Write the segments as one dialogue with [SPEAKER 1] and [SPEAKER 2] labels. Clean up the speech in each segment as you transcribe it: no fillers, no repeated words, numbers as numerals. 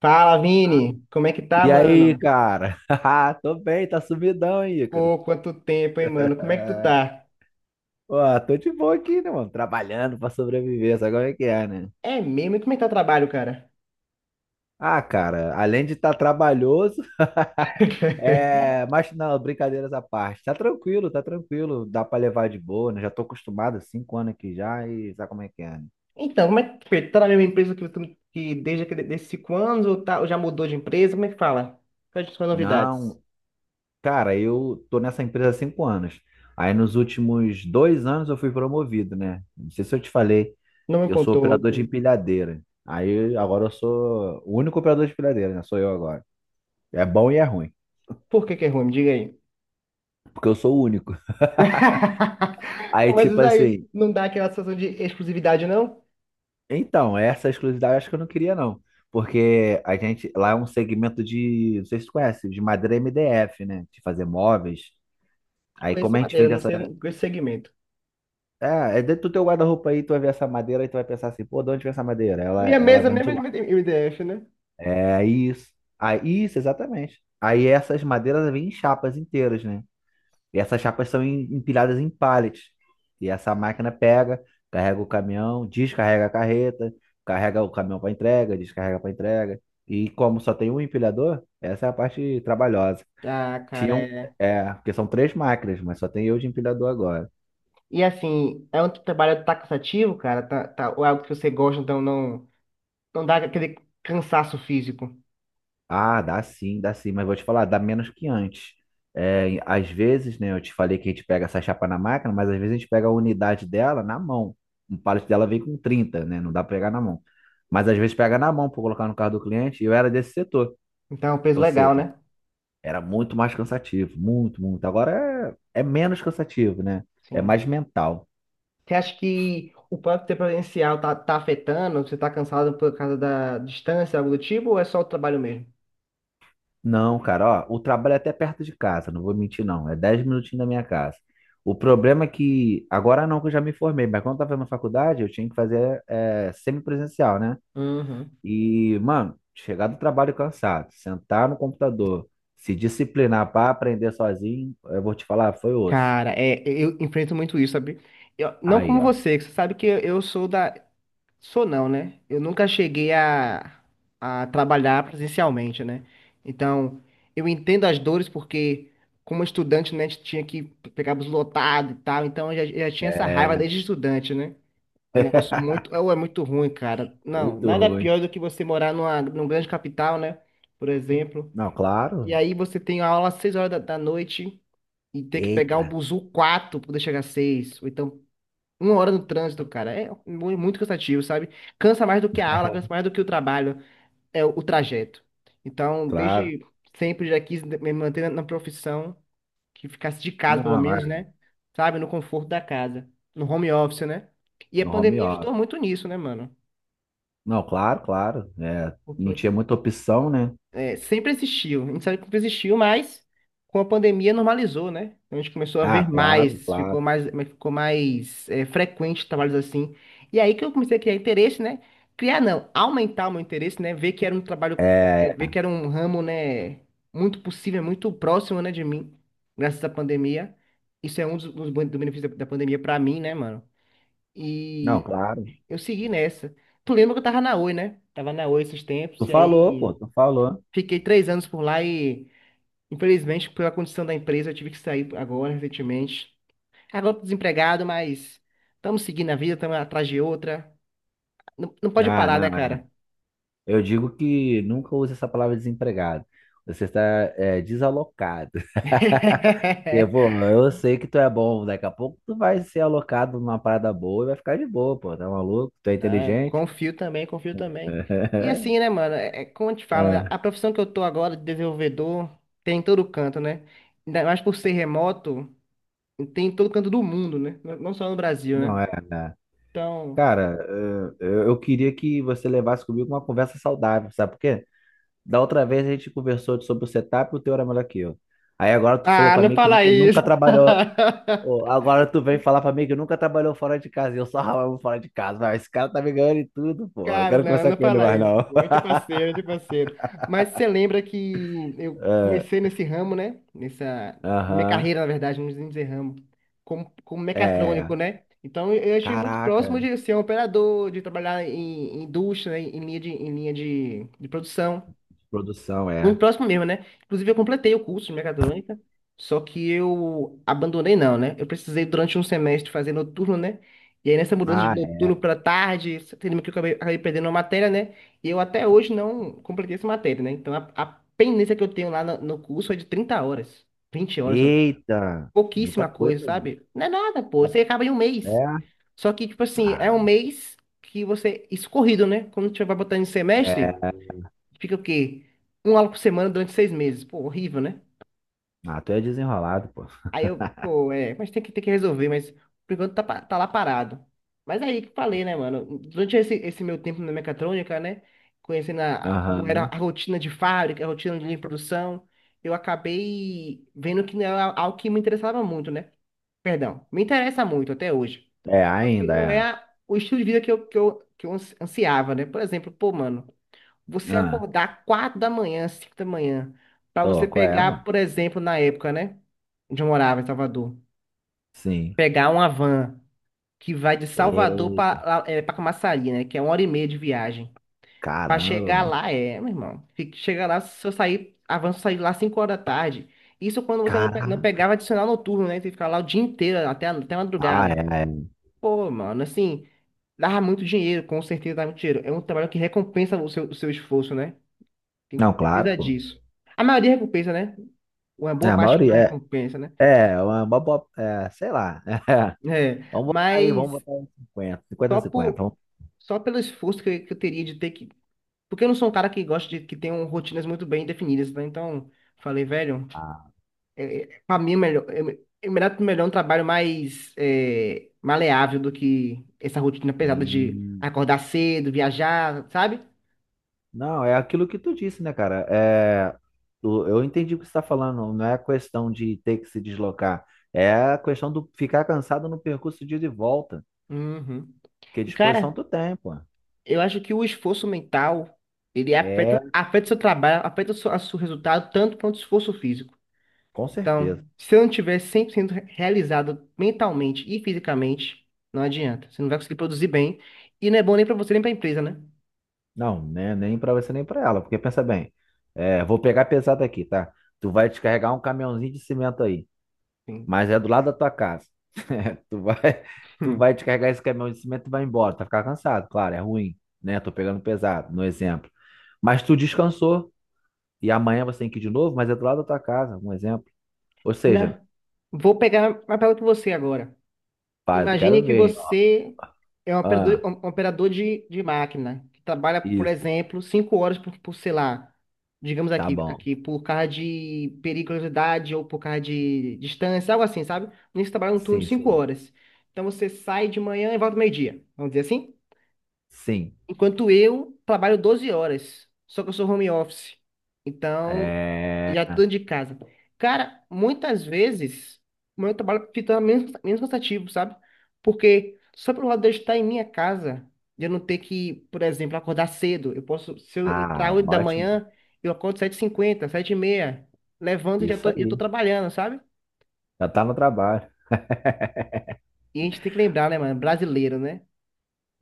[SPEAKER 1] Fala, Vini! Como é que tá,
[SPEAKER 2] E aí,
[SPEAKER 1] mano?
[SPEAKER 2] cara? Tô bem, tá sumidão aí, Ícaro.
[SPEAKER 1] Pô, quanto tempo, hein, mano? Como é que tu
[SPEAKER 2] É.
[SPEAKER 1] tá?
[SPEAKER 2] Ó, tô de boa aqui, né, mano? Trabalhando pra sobreviver, sabe como é que é, né?
[SPEAKER 1] É mesmo? E como é que tá o trabalho, cara?
[SPEAKER 2] Ah, cara, além de estar trabalhoso, é. Mas não, brincadeiras à parte. Tá tranquilo, tá tranquilo. Dá pra levar de boa, né? Já tô acostumado há 5 anos aqui já e sabe como é que é, né?
[SPEAKER 1] Então, como é que foi? Tá na mesma empresa que tu desses 5 anos ou, tá, ou já mudou de empresa? Como é que fala? Quais são as novidades?
[SPEAKER 2] Não. Cara, eu tô nessa empresa há 5 anos. Aí nos últimos 2 anos eu fui promovido, né? Não sei se eu te falei,
[SPEAKER 1] Não me
[SPEAKER 2] eu sou
[SPEAKER 1] contou,
[SPEAKER 2] operador de
[SPEAKER 1] cara.
[SPEAKER 2] empilhadeira. Aí agora eu sou o único operador de empilhadeira, né? Sou eu agora. É bom e é ruim,
[SPEAKER 1] Por que que é ruim? Me diga aí.
[SPEAKER 2] porque eu sou o único. Aí
[SPEAKER 1] Pô, mas
[SPEAKER 2] tipo
[SPEAKER 1] isso aí
[SPEAKER 2] assim,
[SPEAKER 1] não dá aquela sensação de exclusividade, não?
[SPEAKER 2] então, essa exclusividade eu acho que eu não queria não. Porque a gente, lá é um segmento de, não sei se tu conhece, de madeira MDF, né? De fazer móveis. Aí
[SPEAKER 1] Conheço
[SPEAKER 2] como a
[SPEAKER 1] a
[SPEAKER 2] gente
[SPEAKER 1] madeira,
[SPEAKER 2] vende
[SPEAKER 1] não
[SPEAKER 2] essa.
[SPEAKER 1] sei esse segmento.
[SPEAKER 2] É, é dentro do teu guarda-roupa aí, tu vai ver essa madeira e tu vai pensar assim, pô, de onde vem essa madeira? Ela,
[SPEAKER 1] Minha
[SPEAKER 2] ela
[SPEAKER 1] mesa
[SPEAKER 2] vem
[SPEAKER 1] mesmo
[SPEAKER 2] de lá.
[SPEAKER 1] é de MDF, né?
[SPEAKER 2] É isso. Aí, isso, exatamente. Aí essas madeiras vêm em chapas inteiras, né? E essas chapas são empilhadas em pallets. E essa máquina pega, carrega o caminhão, descarrega a carreta, carrega o caminhão para entrega, descarrega para entrega. E como só tem um empilhador, essa é a parte trabalhosa.
[SPEAKER 1] Ah, cara,
[SPEAKER 2] Tinham,
[SPEAKER 1] é.
[SPEAKER 2] é, porque são três máquinas, mas só tem eu de empilhador agora.
[SPEAKER 1] E assim, é um trabalho que tá cansativo, cara, tá, tá, ou é algo que você gosta, então não, não dá aquele cansaço físico.
[SPEAKER 2] Ah, dá sim, mas vou te falar, dá menos que antes. É, às vezes, né, eu te falei que a gente pega essa chapa na máquina, mas às vezes a gente pega a unidade dela na mão. Um pallet dela vem com 30, né? Não dá pra pegar na mão. Mas às vezes pega na mão para colocar no carro do cliente, e eu era desse setor.
[SPEAKER 1] Então, é um peso
[SPEAKER 2] Ou
[SPEAKER 1] legal,
[SPEAKER 2] seja,
[SPEAKER 1] né?
[SPEAKER 2] era muito mais cansativo, muito, muito. Agora é, é menos cansativo, né? É
[SPEAKER 1] Sim.
[SPEAKER 2] mais mental.
[SPEAKER 1] Você acha que o próprio tempo presencial tá afetando? Você tá cansado por causa da distância, algo do tipo, ou é só o trabalho mesmo?
[SPEAKER 2] Não, cara, ó, o trabalho é até perto de casa, não vou mentir não, é 10 minutinhos da minha casa. O problema é que, agora não que eu já me formei, mas quando eu tava na faculdade eu tinha que fazer é, semipresencial, né?
[SPEAKER 1] Uhum.
[SPEAKER 2] E, mano, chegar do trabalho cansado, sentar no computador, se disciplinar para aprender sozinho, eu vou te falar, foi osso.
[SPEAKER 1] Cara, é, eu enfrento muito isso, sabe? Eu, não
[SPEAKER 2] Aí,
[SPEAKER 1] como
[SPEAKER 2] ó,
[SPEAKER 1] você, que você sabe que eu sou da. Sou não, né? Eu nunca cheguei a trabalhar presencialmente, né? Então, eu entendo as dores porque, como estudante, né, a gente tinha que pegar bus lotado e tal, então eu já tinha essa
[SPEAKER 2] é
[SPEAKER 1] raiva desde estudante, né? É um negócio muito, é muito ruim, cara. Não,
[SPEAKER 2] muito
[SPEAKER 1] nada
[SPEAKER 2] ruim.
[SPEAKER 1] pior do que você morar numa grande capital, né? Por exemplo.
[SPEAKER 2] Não,
[SPEAKER 1] E
[SPEAKER 2] claro,
[SPEAKER 1] aí você tem aula às 6 horas da noite e ter que pegar um
[SPEAKER 2] eita,
[SPEAKER 1] buzu 4 para poder chegar às 6, ou então uma hora no trânsito, cara, é muito cansativo, sabe? Cansa mais do que a aula, cansa mais do que o trabalho, é o trajeto. Então,
[SPEAKER 2] claro.
[SPEAKER 1] desde sempre já quis me manter na profissão, que ficasse de casa, pelo
[SPEAKER 2] Não, é,
[SPEAKER 1] menos, né? Sabe? No conforto da casa, no home office, né? E a
[SPEAKER 2] no home
[SPEAKER 1] pandemia
[SPEAKER 2] office.
[SPEAKER 1] ajudou muito nisso, né, mano?
[SPEAKER 2] Não, claro, claro, é, não tinha
[SPEAKER 1] Porque
[SPEAKER 2] muita opção, né?
[SPEAKER 1] Sempre existiu, a gente sabe que sempre existiu, mas com a pandemia normalizou, né? Então, a gente começou a
[SPEAKER 2] Ah,
[SPEAKER 1] ver
[SPEAKER 2] claro,
[SPEAKER 1] mais, ficou
[SPEAKER 2] claro.
[SPEAKER 1] mais, ficou mais é, frequente trabalhos assim. E aí que eu comecei a criar interesse, né? Criar não, aumentar o meu interesse, né? Ver que era um trabalho,
[SPEAKER 2] É,
[SPEAKER 1] ver que era um ramo, né? Muito possível, muito próximo, né, de mim, graças à pandemia. Isso é um do benefício da pandemia pra mim, né, mano?
[SPEAKER 2] não,
[SPEAKER 1] E
[SPEAKER 2] claro.
[SPEAKER 1] eu segui nessa. Tu lembra que eu tava na Oi, né? Tava na Oi esses tempos,
[SPEAKER 2] Tu
[SPEAKER 1] e
[SPEAKER 2] falou, pô,
[SPEAKER 1] aí.
[SPEAKER 2] tu falou.
[SPEAKER 1] Fiquei 3 anos por lá e, infelizmente, pela condição da empresa, eu tive que sair agora, recentemente. Agora eu tô desempregado, mas estamos seguindo a vida, estamos atrás de outra. Não, não pode
[SPEAKER 2] Ah,
[SPEAKER 1] parar,
[SPEAKER 2] não.
[SPEAKER 1] né,
[SPEAKER 2] É.
[SPEAKER 1] cara?
[SPEAKER 2] Eu digo que nunca use essa palavra desempregado. Você está é, desalocado. Porque, pô, eu sei que tu é bom. Daqui a pouco tu vai ser alocado numa parada boa e vai ficar de boa, pô. Tá maluco? Tu é
[SPEAKER 1] Né?
[SPEAKER 2] inteligente?
[SPEAKER 1] Confio também, confio também. E assim, né, mano? É, é como eu te falo, né?
[SPEAKER 2] É.
[SPEAKER 1] A profissão que eu tô agora de desenvolvedor tem em todo canto, né? Ainda mais por ser remoto, tem em todo canto do mundo, né? Não só no Brasil,
[SPEAKER 2] Não
[SPEAKER 1] né?
[SPEAKER 2] é, né?
[SPEAKER 1] Então.
[SPEAKER 2] Cara, eu queria que você levasse comigo uma conversa saudável, sabe por quê? Da outra vez a gente conversou sobre o setup e o teu era melhor que eu. Aí agora tu falou
[SPEAKER 1] Ah,
[SPEAKER 2] pra
[SPEAKER 1] não
[SPEAKER 2] mim que
[SPEAKER 1] fala
[SPEAKER 2] nunca,
[SPEAKER 1] isso!
[SPEAKER 2] nunca trabalhou. Ô, agora tu vem falar pra mim que nunca trabalhou fora de casa e eu só ralava fora de casa. Mas esse cara tá me ganhando em tudo, pô. Eu
[SPEAKER 1] Cara,
[SPEAKER 2] quero
[SPEAKER 1] não,
[SPEAKER 2] conversar
[SPEAKER 1] não
[SPEAKER 2] com ele
[SPEAKER 1] fala
[SPEAKER 2] mais
[SPEAKER 1] isso.
[SPEAKER 2] não.
[SPEAKER 1] Pô. É de é Mas você lembra que eu
[SPEAKER 2] É.
[SPEAKER 1] comecei nesse ramo, né? Nessa minha
[SPEAKER 2] Aham.
[SPEAKER 1] carreira, na verdade, não precisa dizer ramo, como mecatrônico,
[SPEAKER 2] É.
[SPEAKER 1] né? Então eu estive muito
[SPEAKER 2] Caraca,
[SPEAKER 1] próximo de ser um operador, de trabalhar em indústria, né? Em linha de produção.
[SPEAKER 2] produção,
[SPEAKER 1] Muito
[SPEAKER 2] é.
[SPEAKER 1] próximo mesmo, né? Inclusive, eu completei o curso de mecatrônica, só que eu abandonei, não, né? Eu precisei, durante um semestre, fazer noturno, né? E aí, nessa mudança de
[SPEAKER 2] Ah, é.
[SPEAKER 1] noturno para tarde, teve que eu acabei perdendo uma matéria, né? E eu até hoje não completei essa matéria, né? Então, a pendência que eu tenho lá no curso é de 30 horas, 20 horas, sabe?
[SPEAKER 2] Eita, muita
[SPEAKER 1] Pouquíssima coisa,
[SPEAKER 2] coisa, gente.
[SPEAKER 1] sabe? Não é nada, pô. Você acaba em um
[SPEAKER 2] É,
[SPEAKER 1] mês. Só que, tipo assim, é um
[SPEAKER 2] ah,
[SPEAKER 1] mês que você, escorrido, né? Quando você vai botando em semestre.
[SPEAKER 2] é.
[SPEAKER 1] Fica o quê? Um aula por semana durante 6 meses. Pô, horrível, né?
[SPEAKER 2] Ah, tu é desenrolado, pô.
[SPEAKER 1] Aí eu, pô, mas tem que resolver, mas por enquanto tá, tá lá parado. Mas aí que eu falei, né, mano? Durante esse meu tempo na mecatrônica, né? Conhecendo como era
[SPEAKER 2] Aham.
[SPEAKER 1] a rotina de fábrica, a rotina de produção, eu acabei vendo que não era algo que me interessava muito, né? Perdão, me interessa muito até hoje.
[SPEAKER 2] É,
[SPEAKER 1] Só que
[SPEAKER 2] ainda
[SPEAKER 1] não é
[SPEAKER 2] é.
[SPEAKER 1] o estilo de vida que eu ansiava, né? Por exemplo, pô, mano. Você
[SPEAKER 2] Ah.
[SPEAKER 1] acordar 4 da manhã, 5 da manhã, para
[SPEAKER 2] Ô,
[SPEAKER 1] você
[SPEAKER 2] qual é,
[SPEAKER 1] pegar,
[SPEAKER 2] mano?
[SPEAKER 1] por exemplo, na época, né? Onde eu morava, em Salvador.
[SPEAKER 2] Sim.
[SPEAKER 1] Pegar uma van que vai de Salvador para Camaçari, né? Que é uma hora e meia de viagem. Para
[SPEAKER 2] Caramba,
[SPEAKER 1] chegar
[SPEAKER 2] mano.
[SPEAKER 1] lá, meu irmão. Chega lá, se eu sair, a sair lá 5 horas da tarde. Isso quando você não
[SPEAKER 2] Caraca.
[SPEAKER 1] pegava adicional noturno, né? Você ficava lá o dia inteiro, até a
[SPEAKER 2] Ah, é,
[SPEAKER 1] madrugada.
[SPEAKER 2] é.
[SPEAKER 1] Pô, mano, assim, dava muito dinheiro, com certeza dava muito dinheiro. É um trabalho que recompensa o seu esforço, né? Tenho
[SPEAKER 2] Não, claro,
[SPEAKER 1] certeza
[SPEAKER 2] pô.
[SPEAKER 1] disso. A maioria recompensa, né? Uma
[SPEAKER 2] É,
[SPEAKER 1] boa
[SPEAKER 2] a
[SPEAKER 1] parte que não
[SPEAKER 2] maioria.
[SPEAKER 1] recompensa, né?
[SPEAKER 2] É, é uma boa. É, sei lá.
[SPEAKER 1] É,
[SPEAKER 2] Vamos
[SPEAKER 1] mas
[SPEAKER 2] botar aí 50, 50, a
[SPEAKER 1] só
[SPEAKER 2] 50.
[SPEAKER 1] por,
[SPEAKER 2] Vamos
[SPEAKER 1] só pelo esforço que eu teria de ter que. Porque eu não sou um cara que gosta de que tenham rotinas muito bem definidas, né? Então, falei, velho,
[SPEAKER 2] botar.
[SPEAKER 1] pra mim é melhor, melhor um trabalho mais maleável do que essa rotina pesada de
[SPEAKER 2] E.
[SPEAKER 1] acordar cedo, viajar, sabe?
[SPEAKER 2] Não, é aquilo que tu disse, né, cara? É, eu entendi o que você está falando. Não é questão de ter que se deslocar. É a questão do ficar cansado no percurso de ida e volta.
[SPEAKER 1] Uhum.
[SPEAKER 2] Porque
[SPEAKER 1] E,
[SPEAKER 2] disposição
[SPEAKER 1] cara.
[SPEAKER 2] tu tem, pô.
[SPEAKER 1] Eu acho que o esforço mental, ele
[SPEAKER 2] É,
[SPEAKER 1] afeta o seu trabalho, afeta a seu resultado tanto quanto o esforço físico.
[SPEAKER 2] com certeza.
[SPEAKER 1] Então, se eu não tiver 100% realizado mentalmente e fisicamente, não adianta. Você não vai conseguir produzir bem e não é bom nem para você nem para a empresa, né?
[SPEAKER 2] Não, né, nem pra você nem pra ela, porque pensa bem, é, vou pegar pesado aqui, tá? Tu vai descarregar um caminhãozinho de cimento aí,
[SPEAKER 1] Sim.
[SPEAKER 2] mas é do lado da tua casa. Tu vai, tu
[SPEAKER 1] Hum.
[SPEAKER 2] vai descarregar esse caminhão de cimento e vai embora, tu vai ficar cansado, claro, é ruim, né? Tô pegando pesado, no exemplo. Mas tu descansou e amanhã você tem que ir de novo, mas é do lado da tua casa, um exemplo. Ou seja,
[SPEAKER 1] Né? Vou pegar uma pergunta para você agora.
[SPEAKER 2] pai, eu
[SPEAKER 1] Imagine
[SPEAKER 2] quero
[SPEAKER 1] que
[SPEAKER 2] ver, hein? Ó.
[SPEAKER 1] você é um operador,
[SPEAKER 2] Ah,
[SPEAKER 1] um operador de, de máquina, que trabalha, por
[SPEAKER 2] isso,
[SPEAKER 1] exemplo, 5 horas por, sei lá, digamos
[SPEAKER 2] tá bom.
[SPEAKER 1] aqui, por causa de periculosidade ou por causa de distância, algo assim, sabe? Nisso trabalha um turno de
[SPEAKER 2] Sim,
[SPEAKER 1] cinco
[SPEAKER 2] sim,
[SPEAKER 1] horas. Então você sai de manhã e volta meio-dia, vamos dizer assim?
[SPEAKER 2] sim.
[SPEAKER 1] Enquanto eu trabalho 12 horas, só que eu sou home office. Então
[SPEAKER 2] É.
[SPEAKER 1] já tô dentro de casa. Cara, muitas vezes o meu trabalho fica menos cansativo, sabe? Porque só pelo lado de eu estar em minha casa, de eu não ter que, por exemplo, acordar cedo. Eu posso, se eu entrar
[SPEAKER 2] Ah,
[SPEAKER 1] 8 da
[SPEAKER 2] ótimo.
[SPEAKER 1] manhã, eu acordo sete h 50 7h30, levanto e
[SPEAKER 2] Isso
[SPEAKER 1] eu tô
[SPEAKER 2] aí.
[SPEAKER 1] trabalhando, sabe?
[SPEAKER 2] Já tá no trabalho.
[SPEAKER 1] E a gente tem que lembrar, né, mano? Brasileiro, né?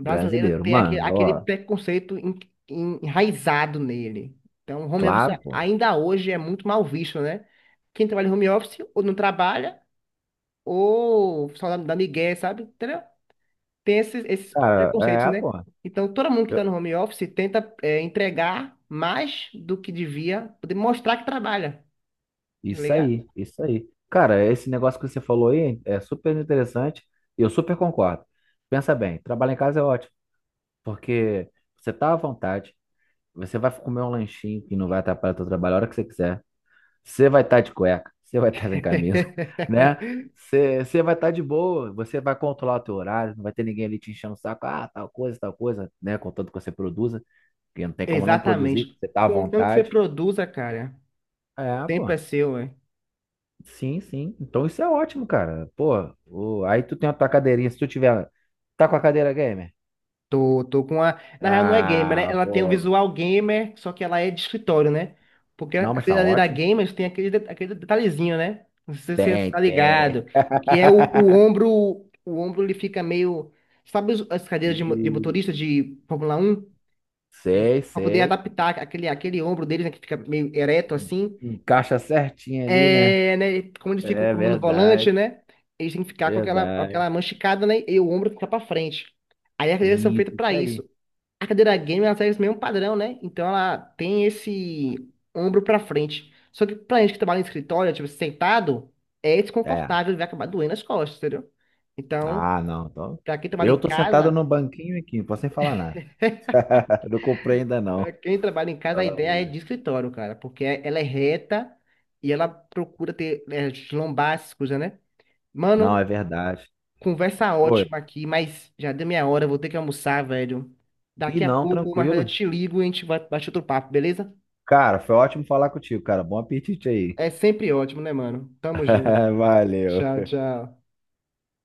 [SPEAKER 1] Brasileiro
[SPEAKER 2] Brasileiro,
[SPEAKER 1] tem aquele,
[SPEAKER 2] mano,
[SPEAKER 1] aquele
[SPEAKER 2] ó,
[SPEAKER 1] preconceito enraizado nele. Então, home office
[SPEAKER 2] claro, pô.
[SPEAKER 1] ainda hoje é muito mal visto, né? Quem trabalha em home office ou não trabalha ou só da migué, sabe? Entendeu? Tem esses
[SPEAKER 2] Cara,
[SPEAKER 1] preconceitos,
[SPEAKER 2] é, pô.
[SPEAKER 1] né? Então, todo mundo que está
[SPEAKER 2] eu-
[SPEAKER 1] no home office tenta entregar mais do que devia, poder mostrar que trabalha, tá
[SPEAKER 2] isso
[SPEAKER 1] ligado?
[SPEAKER 2] aí, isso aí. Cara, esse negócio que você falou aí é super interessante e eu super concordo. Pensa bem, trabalhar em casa é ótimo, porque você tá à vontade, você vai comer um lanchinho que não vai atrapalhar o teu trabalho a hora que você quiser. Você vai estar de cueca, você vai estar sem camisa, né? Você vai estar de boa, você vai controlar o teu horário, não vai ter ninguém ali te enchendo o saco, ah, tal coisa, né? Contanto que você produza. Porque não tem como não produzir,
[SPEAKER 1] Exatamente.
[SPEAKER 2] você tá à
[SPEAKER 1] Contanto que você
[SPEAKER 2] vontade.
[SPEAKER 1] produza, cara, o
[SPEAKER 2] É, pô.
[SPEAKER 1] tempo é seu, é.
[SPEAKER 2] Sim, sim. Então isso é ótimo, cara. Pô, aí tu tem a tua cadeirinha. Se tu tiver. Tá com a cadeira gamer?
[SPEAKER 1] Tô, tô com a. Na real, não é gamer, né?
[SPEAKER 2] Ah,
[SPEAKER 1] Ela tem o
[SPEAKER 2] pô.
[SPEAKER 1] visual gamer, só que ela é de escritório, né? Porque a
[SPEAKER 2] Não, mas tá
[SPEAKER 1] verdadeira
[SPEAKER 2] ótimo.
[SPEAKER 1] gamer tem aquele detalhezinho, né? Não sei se você
[SPEAKER 2] Tem,
[SPEAKER 1] tá
[SPEAKER 2] tem.
[SPEAKER 1] ligado. Que é o ombro. O ombro ele fica meio. Sabe as cadeiras de
[SPEAKER 2] E-
[SPEAKER 1] motorista de Fórmula 1. E,
[SPEAKER 2] Sei,
[SPEAKER 1] pra poder
[SPEAKER 2] sei.
[SPEAKER 1] adaptar aquele ombro deles, né? Que fica meio ereto assim.
[SPEAKER 2] Encaixa certinho ali, né?
[SPEAKER 1] É, né? Como eles ficam
[SPEAKER 2] É
[SPEAKER 1] com a mão no volante,
[SPEAKER 2] verdade,
[SPEAKER 1] né? Eles têm que ficar com aquela,
[SPEAKER 2] verdade.
[SPEAKER 1] aquela mão esticada, né? E o ombro fica pra frente. Aí as cadeiras são feitas
[SPEAKER 2] Isso,
[SPEAKER 1] pra
[SPEAKER 2] isso aí.
[SPEAKER 1] isso. A cadeira gamer, ela segue esse mesmo padrão, né? Então ela tem esse ombro pra frente. Só que pra gente que trabalha em escritório, tipo, sentado, é
[SPEAKER 2] É.
[SPEAKER 1] desconfortável, vai acabar doendo as costas, entendeu? Então,
[SPEAKER 2] Ah, não. Então,
[SPEAKER 1] pra quem trabalha
[SPEAKER 2] eu
[SPEAKER 1] em
[SPEAKER 2] tô sentado
[SPEAKER 1] casa,
[SPEAKER 2] no banquinho aqui, não posso nem falar nada. Não comprei ainda,
[SPEAKER 1] pra
[SPEAKER 2] não.
[SPEAKER 1] quem trabalha em casa, a ideia é de escritório, cara, porque ela é reta e ela procura ter lombar, essas coisas, né?
[SPEAKER 2] Não, é
[SPEAKER 1] Mano,
[SPEAKER 2] verdade.
[SPEAKER 1] conversa
[SPEAKER 2] Oi.
[SPEAKER 1] ótima aqui, mas já deu minha hora, eu vou ter que almoçar, velho.
[SPEAKER 2] E
[SPEAKER 1] Daqui a
[SPEAKER 2] não,
[SPEAKER 1] pouco, mais tarde eu
[SPEAKER 2] tranquilo.
[SPEAKER 1] te ligo e a gente vai bater outro papo, beleza?
[SPEAKER 2] Cara, foi ótimo falar contigo, cara. Bom apetite aí.
[SPEAKER 1] É sempre ótimo, né, mano? Tamo junto. Tchau,
[SPEAKER 2] Valeu.
[SPEAKER 1] tchau.